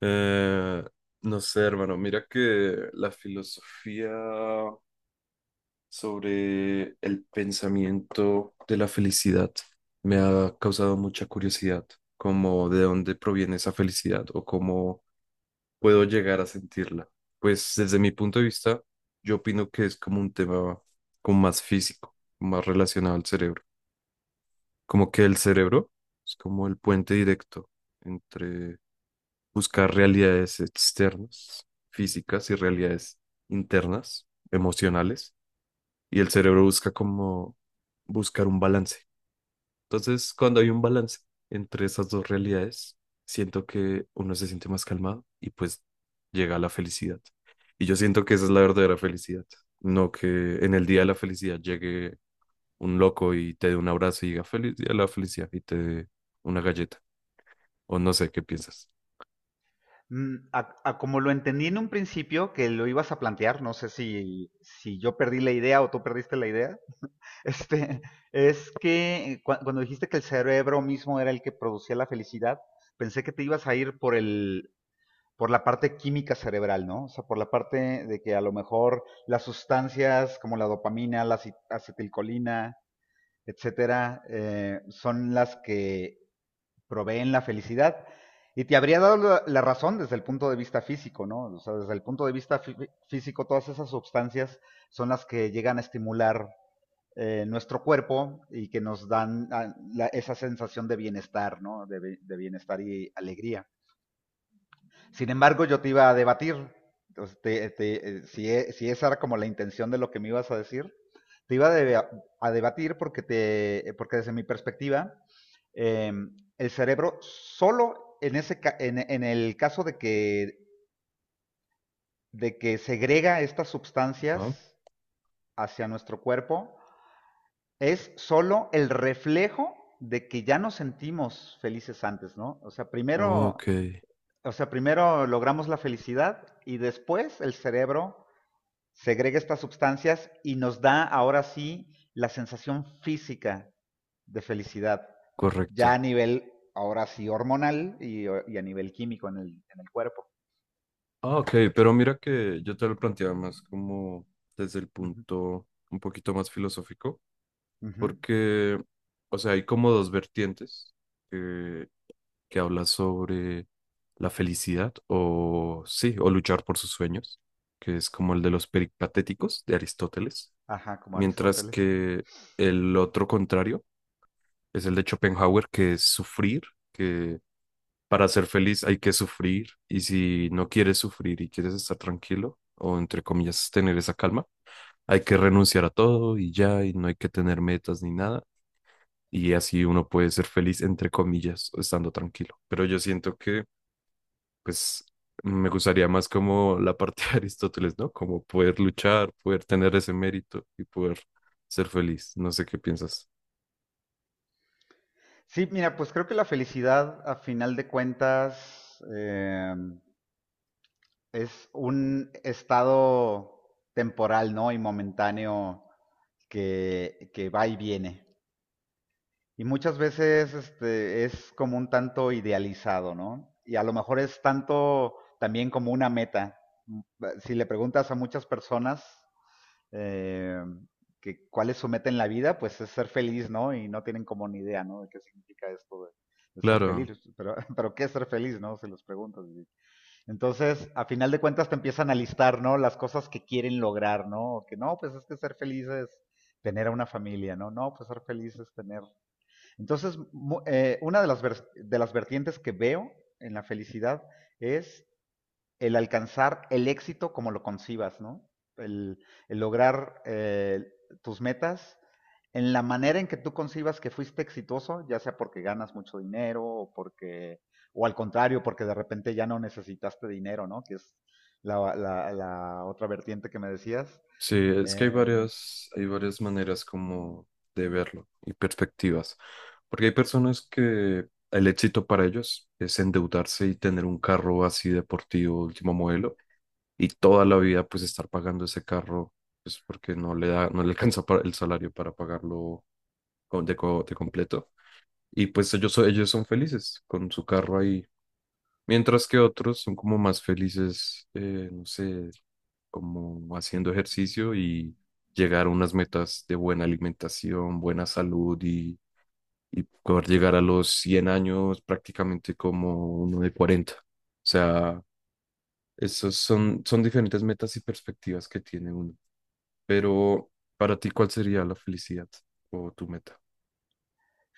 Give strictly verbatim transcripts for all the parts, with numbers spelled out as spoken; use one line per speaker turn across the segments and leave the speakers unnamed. Eh, no sé, hermano, mira que la filosofía sobre el pensamiento de la felicidad me ha causado mucha curiosidad, como de dónde proviene esa felicidad o cómo puedo llegar a sentirla. Pues desde mi punto de vista, yo opino que es como un tema como más físico, más relacionado al cerebro, como que el cerebro es como el puente directo buscar realidades externas, físicas y realidades internas, emocionales, y el cerebro busca como buscar un balance. Entonces, cuando hay un balance entre esas dos realidades, siento que uno se siente más calmado y pues llega a la felicidad. Y yo siento que esa es la verdadera felicidad, no que en el día de la felicidad llegue un loco y te dé un abrazo y diga feliz día de la felicidad y te dé una galleta, o no sé qué piensas.
Mm, A, a como lo entendí en un principio que lo ibas a plantear, no sé si, si yo perdí la idea o tú perdiste la idea, este, es que cua- cuando dijiste que el cerebro mismo era el que producía la felicidad, pensé que te ibas a ir por el, por la parte química cerebral, ¿no? O sea, por la parte de que a lo mejor las sustancias como la dopamina, la aci- acetilcolina, etcétera, eh, son las que proveen la felicidad. Y te habría dado la razón desde el punto de vista físico, ¿no? O sea, desde el punto de vista fí- físico, todas esas sustancias son las que llegan a estimular eh, nuestro cuerpo y que nos dan ah, la- esa sensación de bienestar, ¿no? De, de bienestar y alegría. Sin embargo, yo te iba a debatir, entonces, te- te- eh, si, e- si esa era como la intención de lo que me ibas a decir, te iba a deba- a debatir porque, te, porque desde mi perspectiva, eh, el cerebro solo en, ese, en, en el caso de que, de que segrega estas sustancias
Ah,
hacia nuestro cuerpo, es solo el reflejo de que ya nos sentimos felices antes, ¿no? O sea,
ok,
primero, o sea, primero logramos la felicidad y después el cerebro segrega estas sustancias y nos da ahora sí la sensación física de felicidad, ya a
correcto.
nivel ahora sí hormonal y, y a nivel químico en el, en el cuerpo.
Ah, ok, pero mira que yo te lo planteaba más como desde el
Uh -huh,
punto un poquito más filosófico,
uh -huh.
porque, o sea, hay como dos vertientes que, que habla sobre la felicidad o, sí, o luchar por sus sueños, que es como el de los peripatéticos de Aristóteles,
Ajá, como
mientras
Aristóteles.
que el otro contrario es el de Schopenhauer, que es sufrir, para ser feliz hay que sufrir y si no quieres sufrir y quieres estar tranquilo o entre comillas tener esa calma, hay que renunciar a todo y ya y no hay que tener metas ni nada y así uno puede ser feliz entre comillas estando tranquilo. Pero yo siento que pues me gustaría más como la parte de Aristóteles, ¿no? Como poder luchar, poder tener ese mérito y poder ser feliz. No sé qué piensas.
Sí, mira, pues creo que la felicidad a final de cuentas eh, es un estado temporal, ¿no? Y momentáneo que, que va y viene. Y muchas veces este, es como un tanto idealizado, ¿no? Y a lo mejor es tanto también como una meta. Mm, eh, Si le preguntas a muchas personas eh, que cuál es su meta en la vida, pues es ser feliz, ¿no? Y no tienen como ni idea, ¿no? De qué significa esto de, de ser feliz.
Claro.
Pero, pero ¿qué es ser feliz, no? Se los preguntas. Entonces, a final de cuentas te empiezan a listar, ¿no? Las cosas que quieren lograr, ¿no? Que no, pues es que ser feliz es tener a una familia, ¿no? No, pues ser feliz es tener entonces, eh, una de las, de las vertientes que veo en la felicidad es el alcanzar el éxito como lo concibas, ¿no? El, el lograr eh, tus metas en la manera en que tú concibas que fuiste exitoso, ya sea porque ganas mucho dinero o porque, o al contrario, porque de repente ya no necesitaste dinero, ¿no? Que es la, la- la otra vertiente que me decías.
Sí, es que hay
Eh,
varias, hay varias maneras como de verlo y perspectivas. Porque hay personas que el éxito para ellos es endeudarse y tener un carro así deportivo, último modelo, y toda la vida pues estar pagando ese carro, pues porque no le da, no le alcanza para el salario para pagarlo con- de, co- de completo. Y pues ellos, so- ellos son felices con su carro ahí. Mientras que otros son como más felices, eh, no sé, como haciendo ejercicio y llegar a unas metas de buena alimentación, buena salud y, y poder llegar a los cien años prácticamente como uno de cuarenta. O sea, esos son, son diferentes metas y perspectivas que tiene uno. Pero para ti, ¿cuál sería la felicidad o tu meta?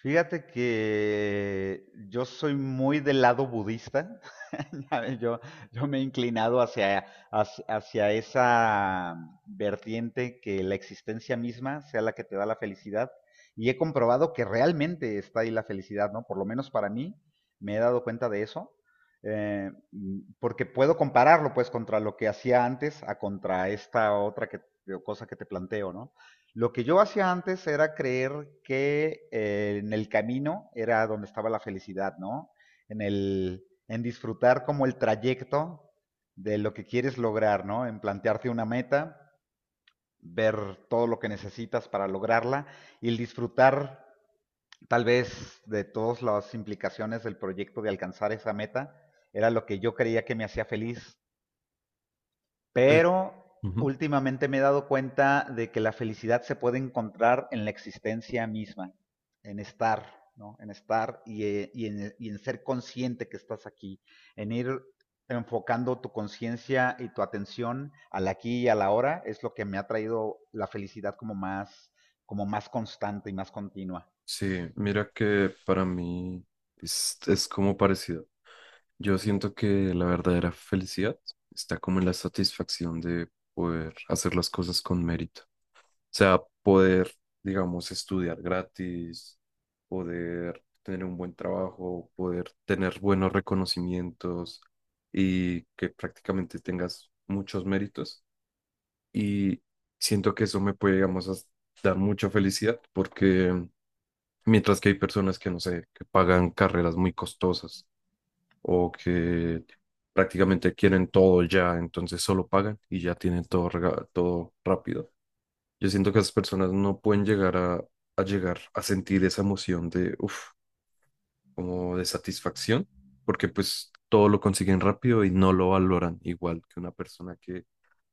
Fíjate que yo soy muy del lado budista. ¿Sabes? Yo, yo me he inclinado hacia, hacia, hacia esa vertiente que la existencia misma sea la que te da la felicidad. Y he comprobado que realmente está ahí la felicidad, ¿no? Por lo menos para mí, me he dado cuenta de eso. eh, mm, porque puedo compararlo, pues, contra lo que hacía antes a contra esta otra que, cosa que te planteo, ¿no? Lo que yo hacía antes era creer que eh, en el camino era donde estaba la felicidad, ¿no? En el, en disfrutar como el trayecto de lo que quieres lograr, ¿no? En plantearte una meta, ver todo lo que necesitas para lograrla y el disfrutar tal vez de todas las implicaciones del proyecto de alcanzar esa meta era lo que yo creía que me hacía feliz,
Pues,
pero
ujú.
últimamente me he dado cuenta de que la felicidad se puede encontrar en la existencia misma, en estar, ¿no? En estar y, eh, y en, y en ser consciente que estás aquí, en ir enfocando tu conciencia y tu atención al aquí y a la hora, es lo que me ha traído la felicidad como más, como más constante y más continua.
Sí, mira que para mí es, es como parecido. Yo siento que la verdadera felicidad está como en la satisfacción de poder hacer las cosas con mérito. O sea, poder, digamos, estudiar gratis, poder tener un buen trabajo, poder tener buenos reconocimientos y que prácticamente tengas muchos méritos. Y siento que eso me puede, digamos, as- dar mucha felicidad porque mientras que hay personas que, no sé, que pagan carreras muy costosas o que prácticamente quieren todo ya, entonces solo pagan y ya tienen todo, rega- todo rápido. Yo siento que esas personas no pueden llegar a, a llegar a sentir esa emoción de, uff, como de satisfacción, porque pues todo lo consiguen rápido y no lo valoran igual que una persona que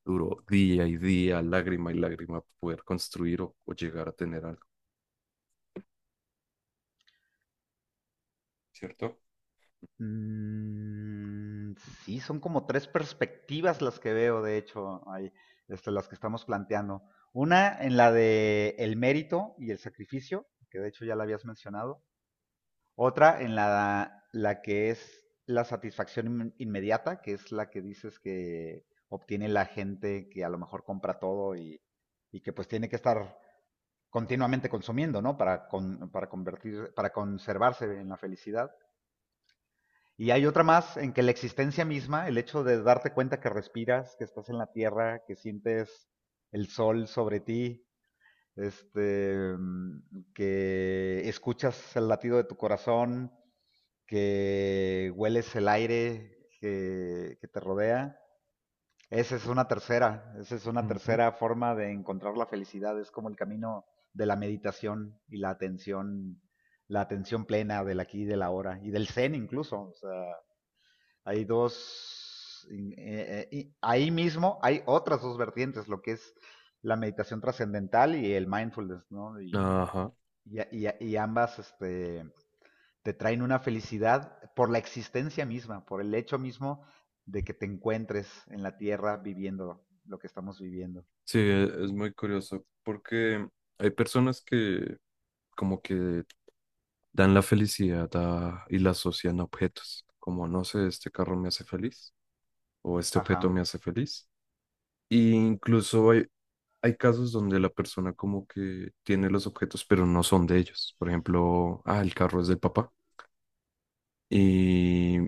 duró día y día, lágrima y lágrima, poder construir o, o llegar a tener algo, ¿cierto?
Mm, sí, son como tres perspectivas las que veo, de hecho, ahí, este, las que estamos planteando. Una en la de el mérito y el sacrificio, que de hecho ya la habías mencionado. Otra en la, la que es la satisfacción in- inmediata, que es la que dices que obtiene la gente que a lo mejor compra todo y, y que pues tiene que estar continuamente consumiendo, ¿no? Para, con- para convertir, para conservarse en la felicidad. Y hay otra más en que la existencia misma, el hecho de darte cuenta que respiras, que estás en la tierra, que sientes el sol sobre ti, este, mm, que escuchas el latido de tu corazón, que hueles el aire que, que te rodea. Esa es una tercera, esa es una
Ujú.
tercera forma de encontrar la felicidad, es como el camino de la meditación y la atención, la atención plena del aquí y del ahora, y del zen incluso, o sea, hay dos, eh, eh, ahí mismo hay otras dos vertientes, lo que es la meditación trascendental y el mindfulness, ¿no? Y,
Ajá.
y, y, y ambas este, te traen una felicidad por la existencia misma, por el hecho mismo de que te encuentres en la tierra viviendo lo que estamos viviendo.
Sí, e- es muy curioso porque hay personas que como que dan la felicidad a- y la asocian a objetos, como no sé, este carro me hace feliz o este objeto
Ajá.
me hace feliz. Y incluso hay, hay casos donde la persona como que tiene los objetos pero no son de ellos. Por ejemplo, ah, el carro es del papá y,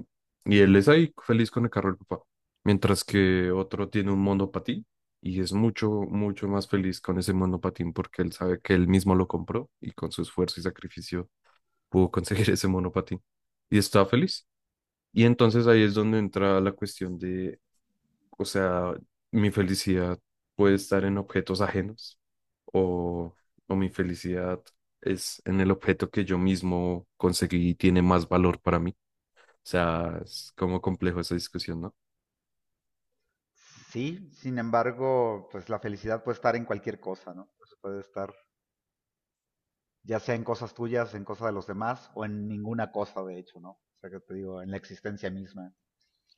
y él es ahí feliz con el carro del papá, mientras que otro tiene un monopatín. Y es mucho, mucho más feliz con ese monopatín porque él sabe que él mismo lo compró y con su esfuerzo y sacrificio pudo conseguir ese monopatín y estaba feliz. Y entonces ahí es donde entra la cuestión de, o sea, mi felicidad puede estar en objetos ajenos o, o mi felicidad es en el objeto que yo mismo conseguí y tiene más valor para mí. O sea, es como complejo esa discusión, ¿no?
Sí, sin embargo, pues la felicidad puede estar en cualquier cosa, ¿no? Pues puede estar ya sea en cosas tuyas, en cosas de los demás o en ninguna cosa, de hecho, ¿no? O sea, que te digo, en la existencia misma.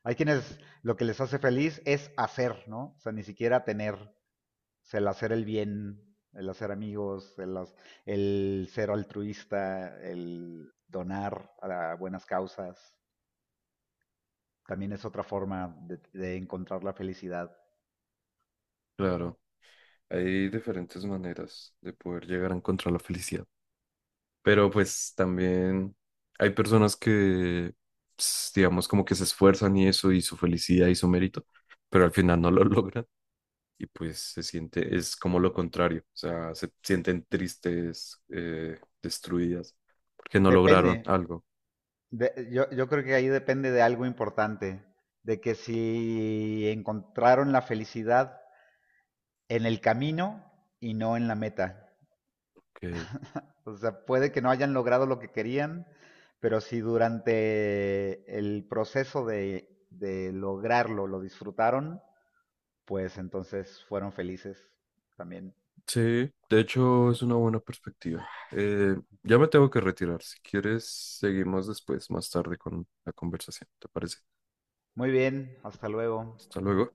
Hay quienes lo que les hace feliz es hacer, ¿no? O sea, ni siquiera tener, o sea, el hacer el bien, el hacer amigos, el, el ser altruista, el donar a buenas causas, también es otra forma de, de encontrar la felicidad.
Claro, hay diferentes maneras de poder llegar a encontrar la felicidad. Pero pues también hay personas que, ps, digamos, como que se esfuerzan y eso, y su felicidad y su mérito, pero al final no lo logran y pues se siente, es como lo contrario, o sea, se sienten tristes, eh, destruidas, porque no
Depende,
lograron algo.
de, yo, yo creo que ahí depende de algo importante, de que si encontraron la felicidad en el camino y no en la meta.
Ok.
O sea, puede que no hayan logrado lo que querían, pero si durante el proceso de, de lograrlo lo disfrutaron, pues entonces fueron felices también.
Sí, de hecho es una buena perspectiva. Eh, ya me tengo que retirar. Si quieres, seguimos después, más tarde con la conversación, ¿te parece?
Muy bien, hasta luego.
Hasta luego.